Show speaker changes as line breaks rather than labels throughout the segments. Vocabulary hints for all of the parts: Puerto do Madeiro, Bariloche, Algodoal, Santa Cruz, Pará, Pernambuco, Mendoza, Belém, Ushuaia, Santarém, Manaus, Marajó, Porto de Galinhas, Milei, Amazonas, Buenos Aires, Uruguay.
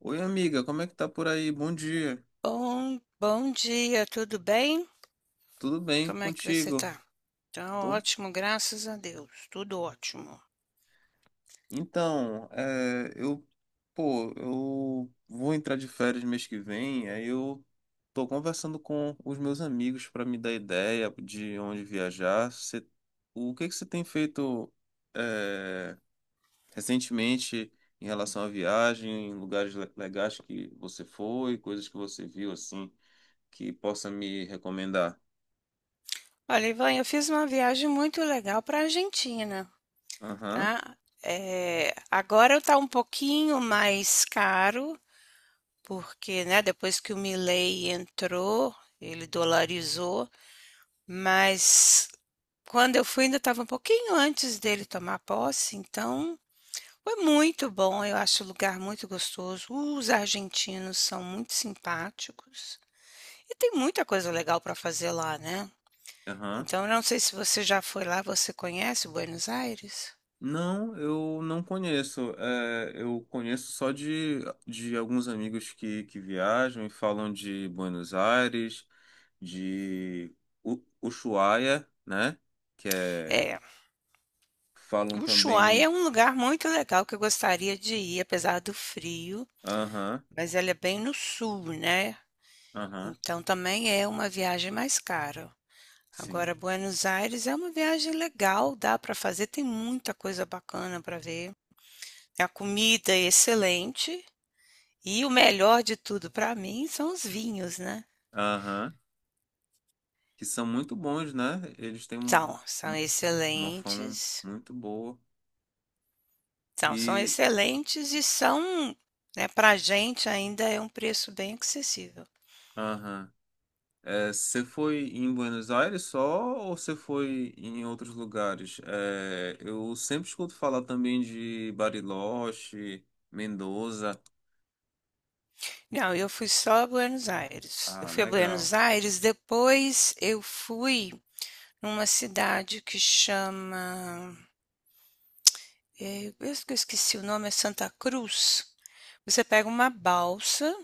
Oi, amiga, como é que tá por aí? Bom dia.
Bom, bom dia, tudo bem?
Tudo bem
Como é que você
contigo?
tá? Tá
Tô.
ótimo, graças a Deus, tudo ótimo.
Então, pô, eu vou entrar de férias mês que vem, aí eu tô conversando com os meus amigos para me dar ideia de onde viajar. O que que você tem feito, é, recentemente em relação à viagem, lugares legais que você foi, coisas que você viu assim, que possa me recomendar?
Olha, Ivan, eu fiz uma viagem muito legal para a Argentina,
Aham,
tá? É, agora tá um pouquinho mais caro, porque, né, depois que o Milei entrou, ele dolarizou, mas quando eu fui ainda estava um pouquinho antes dele tomar posse, então foi muito bom, eu acho o lugar muito gostoso. Os argentinos são muito simpáticos e tem muita coisa legal para fazer lá, né.
aham.
Então eu não sei se você já foi lá, você conhece Buenos Aires?
Não, eu não conheço. Eu conheço só de alguns amigos que viajam e falam de Buenos Aires, de Ushuaia, né? Que é,
É,
falam
Ushuaia é
também.
um lugar muito legal que eu gostaria de ir, apesar do frio,
Aham,
mas ele é bem no sul, né,
aham,
então também é uma viagem mais cara.
sim.
Agora Buenos Aires é uma viagem legal, dá para fazer, tem muita coisa bacana para ver. A comida é excelente. E o melhor de tudo para mim são os vinhos, né.
Aham, que são muito bons, né? Eles têm
São, são
um- uma fama
excelentes.
muito boa.
São, são
E.
excelentes e são, né, para a gente ainda é um preço bem acessível.
Aham. Você foi em Buenos Aires só ou você foi em outros lugares? Eu sempre escuto falar também de Bariloche, Mendoza.
Não, eu fui só a Buenos Aires. Eu
Ah,
fui a
legal.
Buenos Aires, depois eu fui numa cidade que chama, eh, eu esqueci o nome, é Santa Cruz. Você pega uma balsa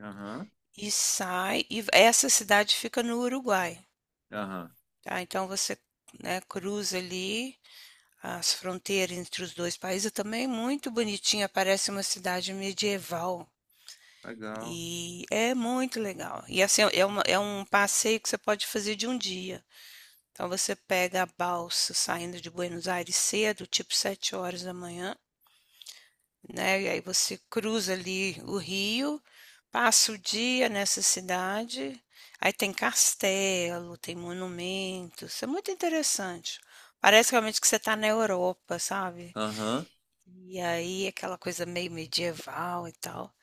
Aham,
e sai e essa cidade fica no Uruguai.
aham,
Tá, então você, né, cruza ali as fronteiras entre os dois países, também muito bonitinha, parece uma cidade medieval.
legal.
E é muito legal. E assim, é um passeio que você pode fazer de um dia. Então você pega a balsa saindo de Buenos Aires cedo, tipo 7 horas da manhã, né? E aí você cruza ali o rio, passa o dia nessa cidade, aí tem castelo, tem monumentos, é muito interessante. Parece realmente que você está na Europa, sabe?
Aham,
E aí aquela coisa meio medieval e tal.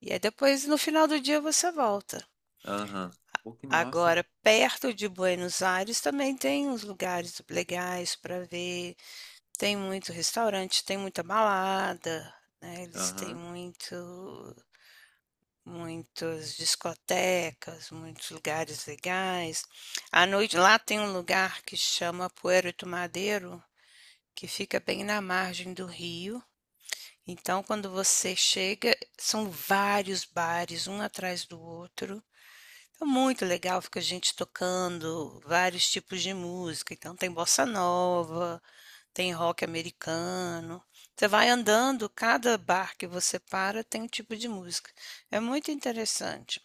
E aí depois no final do dia você volta.
aham. Pô, que massa.
Agora, perto de Buenos Aires também tem uns lugares legais para ver. Tem muito restaurante, tem muita balada, né? Eles têm
Aham,
muito muitas discotecas, muitos lugares legais. À noite lá tem um lugar que chama Puerto do Madeiro, que fica bem na margem do rio. Então, quando você chega, são vários bares, um atrás do outro. É muito legal, fica gente tocando vários tipos de música. Então, tem bossa nova, tem rock americano. Você vai andando, cada bar que você para tem um tipo de música. É muito interessante.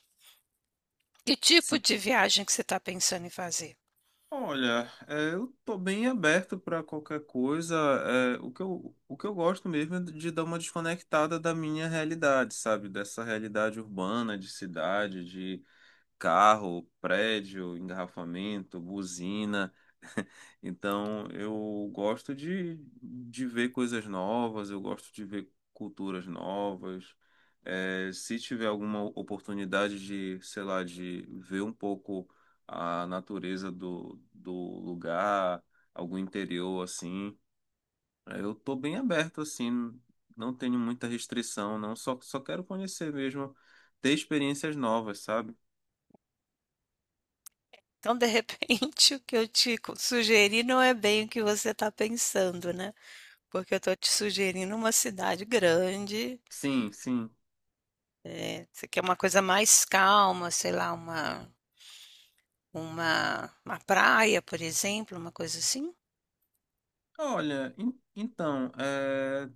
Que tipo
sim.
de viagem que você está pensando em fazer?
Olha, eu tô bem aberto para qualquer coisa. O que eu gosto mesmo é de dar uma desconectada da minha realidade, sabe? Dessa realidade urbana, de cidade, de carro, prédio, engarrafamento, buzina. Então, eu gosto de ver coisas novas, eu gosto de ver culturas novas. Se tiver alguma oportunidade sei lá, de ver um pouco a natureza do lugar, algum interior assim, eu tô bem aberto assim, não tenho muita restrição, não, só quero conhecer mesmo, ter experiências novas, sabe?
Então, de repente, o que eu sugeri não é bem o que você está pensando, né? Porque eu estou te sugerindo uma cidade grande,
Sim, sim.
é, você quer uma coisa mais calma, sei lá, uma praia, por exemplo, uma coisa assim.
Olha, então,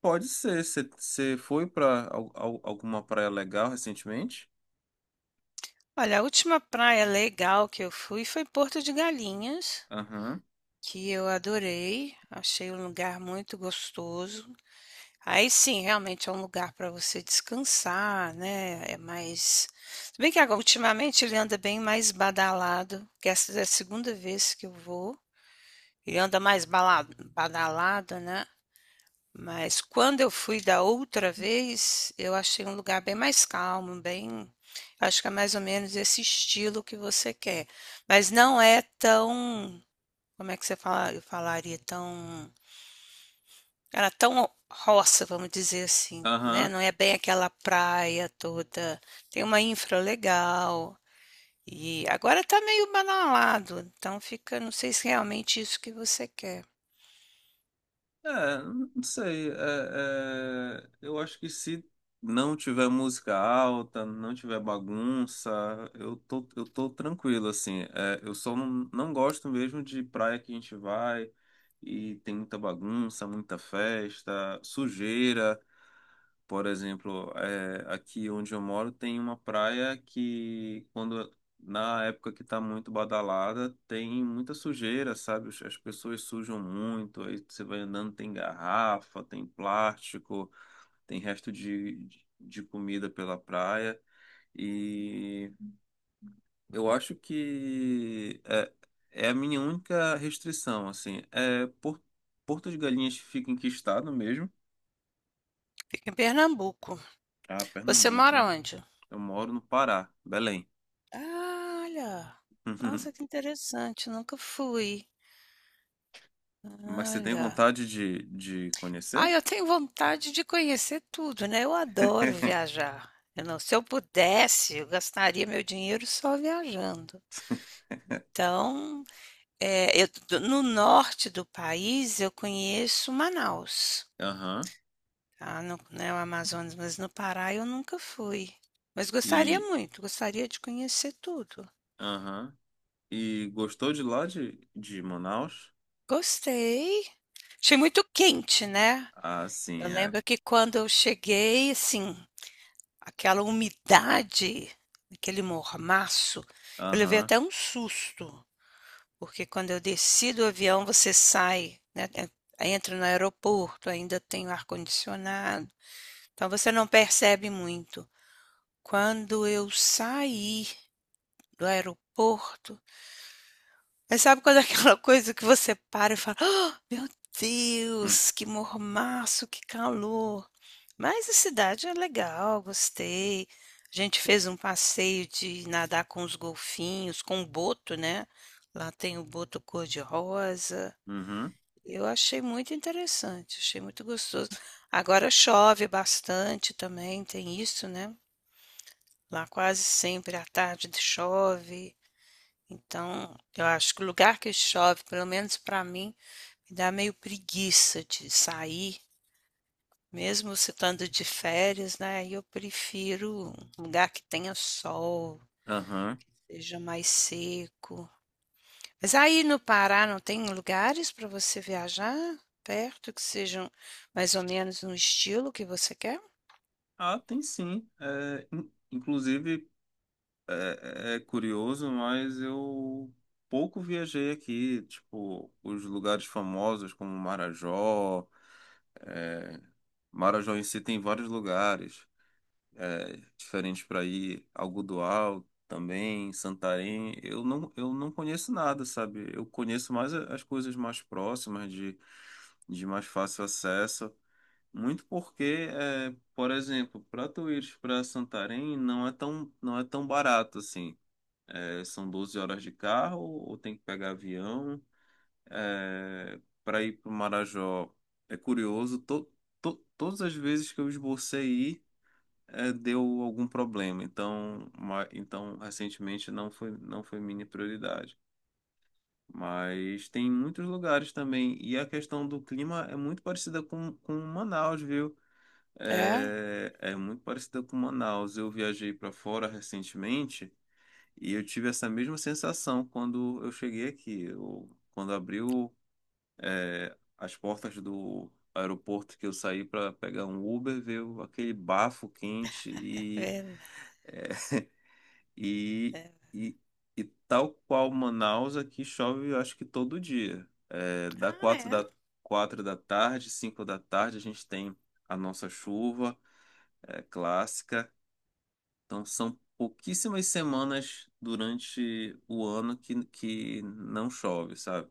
pode ser. Você foi para alguma praia legal recentemente?
Olha, a última praia legal que eu fui foi Porto de Galinhas,
Aham.
que eu adorei, achei um lugar muito gostoso. Aí sim, realmente é um lugar para você descansar, né? É mais. Se bem que agora, ultimamente ele anda bem mais badalado, que essa é a segunda vez que eu vou. Ele anda mais badalado, né? Mas quando eu fui da outra vez, eu achei um lugar bem mais calmo, bem. Acho que é mais ou menos esse estilo que você quer. Mas não é tão. Como é que você fala, eu falaria tão. Era tão roça, vamos dizer assim, né?
Aham.
Não é bem aquela praia toda. Tem uma infra legal. E agora tá meio banalado, então fica, não sei se é realmente isso que você quer.
É, não sei. Eu acho que se não tiver música alta, não tiver bagunça, eu tô tranquilo, assim. Eu só não gosto mesmo de praia que a gente vai e tem muita bagunça, muita festa, sujeira. Por exemplo, aqui onde eu moro tem uma praia que, quando na época que está muito badalada, tem muita sujeira, sabe? As pessoas sujam muito, aí você vai andando, tem garrafa, tem plástico, tem resto de comida pela praia. E eu acho que é a minha única restrição, assim. Porto de Galinhas fica em que estado mesmo?
Fica em Pernambuco.
Ah,
Você
Pernambuco,
mora
né?
onde?
Eu moro no Pará, Belém.
Ah, olha.
Uhum.
Nossa, que interessante, nunca fui.
Mas você tem
Olha.
vontade de
Ah,
conhecer?
eu tenho vontade de conhecer tudo, né? Eu adoro viajar. Eu não, se eu pudesse, eu gastaria meu dinheiro só viajando. Então, é, eu do no norte do país, eu conheço Manaus,
Aham.
tá, no né, o Amazonas, mas no Pará eu nunca fui. Mas gostaria
E,
muito, gostaria de conhecer tudo.
aham. E gostou de lá de Manaus?
Gostei. Achei muito quente, né.
Ah,
Eu
sim, é.
lembro que quando eu cheguei, assim, aquela umidade, aquele mormaço, eu levei
Aham.
até um susto, porque quando eu desci do avião, você sai, né, entra no aeroporto, ainda tem o ar-condicionado. Então você não percebe muito. Quando eu saí do aeroporto, mas sabe quando é aquela coisa que você para e fala: "Ah, meu
Hum.
Deus, que mormaço, que calor". Mas a cidade é legal, gostei. A gente fez um passeio de nadar com os golfinhos, com o boto, né, lá tem o boto cor-de-rosa.
Uhum.
Eu achei muito interessante, achei muito gostoso. Agora chove bastante também, tem isso, né. Lá quase sempre à tarde chove, então eu acho que o lugar que chove, pelo menos para mim, me dá meio preguiça de sair, mesmo se estando de férias, né? Eu prefiro um lugar que tenha sol,
Aham.
seja mais seco. Mas aí no Pará não tem lugares para você viajar perto que sejam mais ou menos no estilo que você quer?
Ah, tem sim. Inclusive, é curioso, mas eu pouco viajei aqui. Tipo, os lugares famosos como Marajó. é, Marajó em si tem vários lugares. Diferentes para ir, Algodoal também, Santarém. Eu não conheço nada, sabe? Eu conheço mais as coisas mais próximas, de mais fácil acesso. Muito porque, por exemplo, para tu ir para Santarém não é tão barato assim. São 12 horas de carro, ou tem que pegar avião. Para ir para o Marajó é curioso. todas as vezes que eu esbocei ir, deu algum problema. Então, então recentemente não foi minha prioridade. Mas tem muitos lugares também. E a questão do clima é muito parecida com Manaus, viu?
É,
É muito parecida com Manaus. Eu viajei para fora recentemente e eu tive essa mesma sensação quando eu cheguei aqui. Quando abriu, as portas do aeroporto que eu saí para pegar um Uber, veio aquele bafo quente.
é,
E,
é.
e, e tal qual Manaus, aqui chove, eu acho que todo dia. É, da
Ah,
quatro
é.
da, quatro da tarde, 5 da tarde, a gente tem a nossa chuva, clássica. Então, são pouquíssimas semanas durante o ano que não chove, sabe?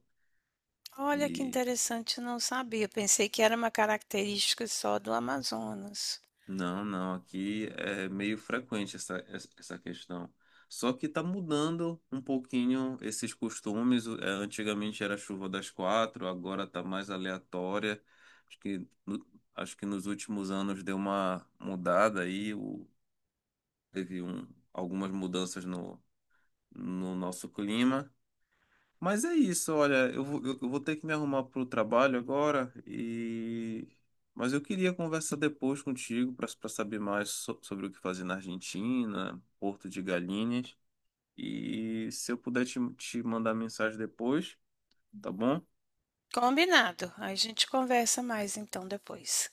Olha que
E
interessante, não sabia. Pensei que era uma característica só do Amazonas.
Não, não, aqui é meio frequente essa, essa questão. Só que está mudando um pouquinho esses costumes. Antigamente era chuva das quatro, agora está mais aleatória. Acho que, acho que nos últimos anos deu uma mudada aí, teve algumas mudanças no nosso clima. Mas é isso, olha, eu vou ter que me arrumar para o trabalho agora mas eu queria conversar depois contigo para saber mais sobre o que fazer na Argentina, Porto de Galinhas e se eu puder te mandar mensagem depois, tá bom?
Combinado. A gente conversa mais então depois.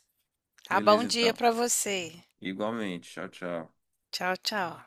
Tá, bom
Beleza,
dia
então.
para você.
Igualmente. Tchau, tchau.
Tchau, tchau.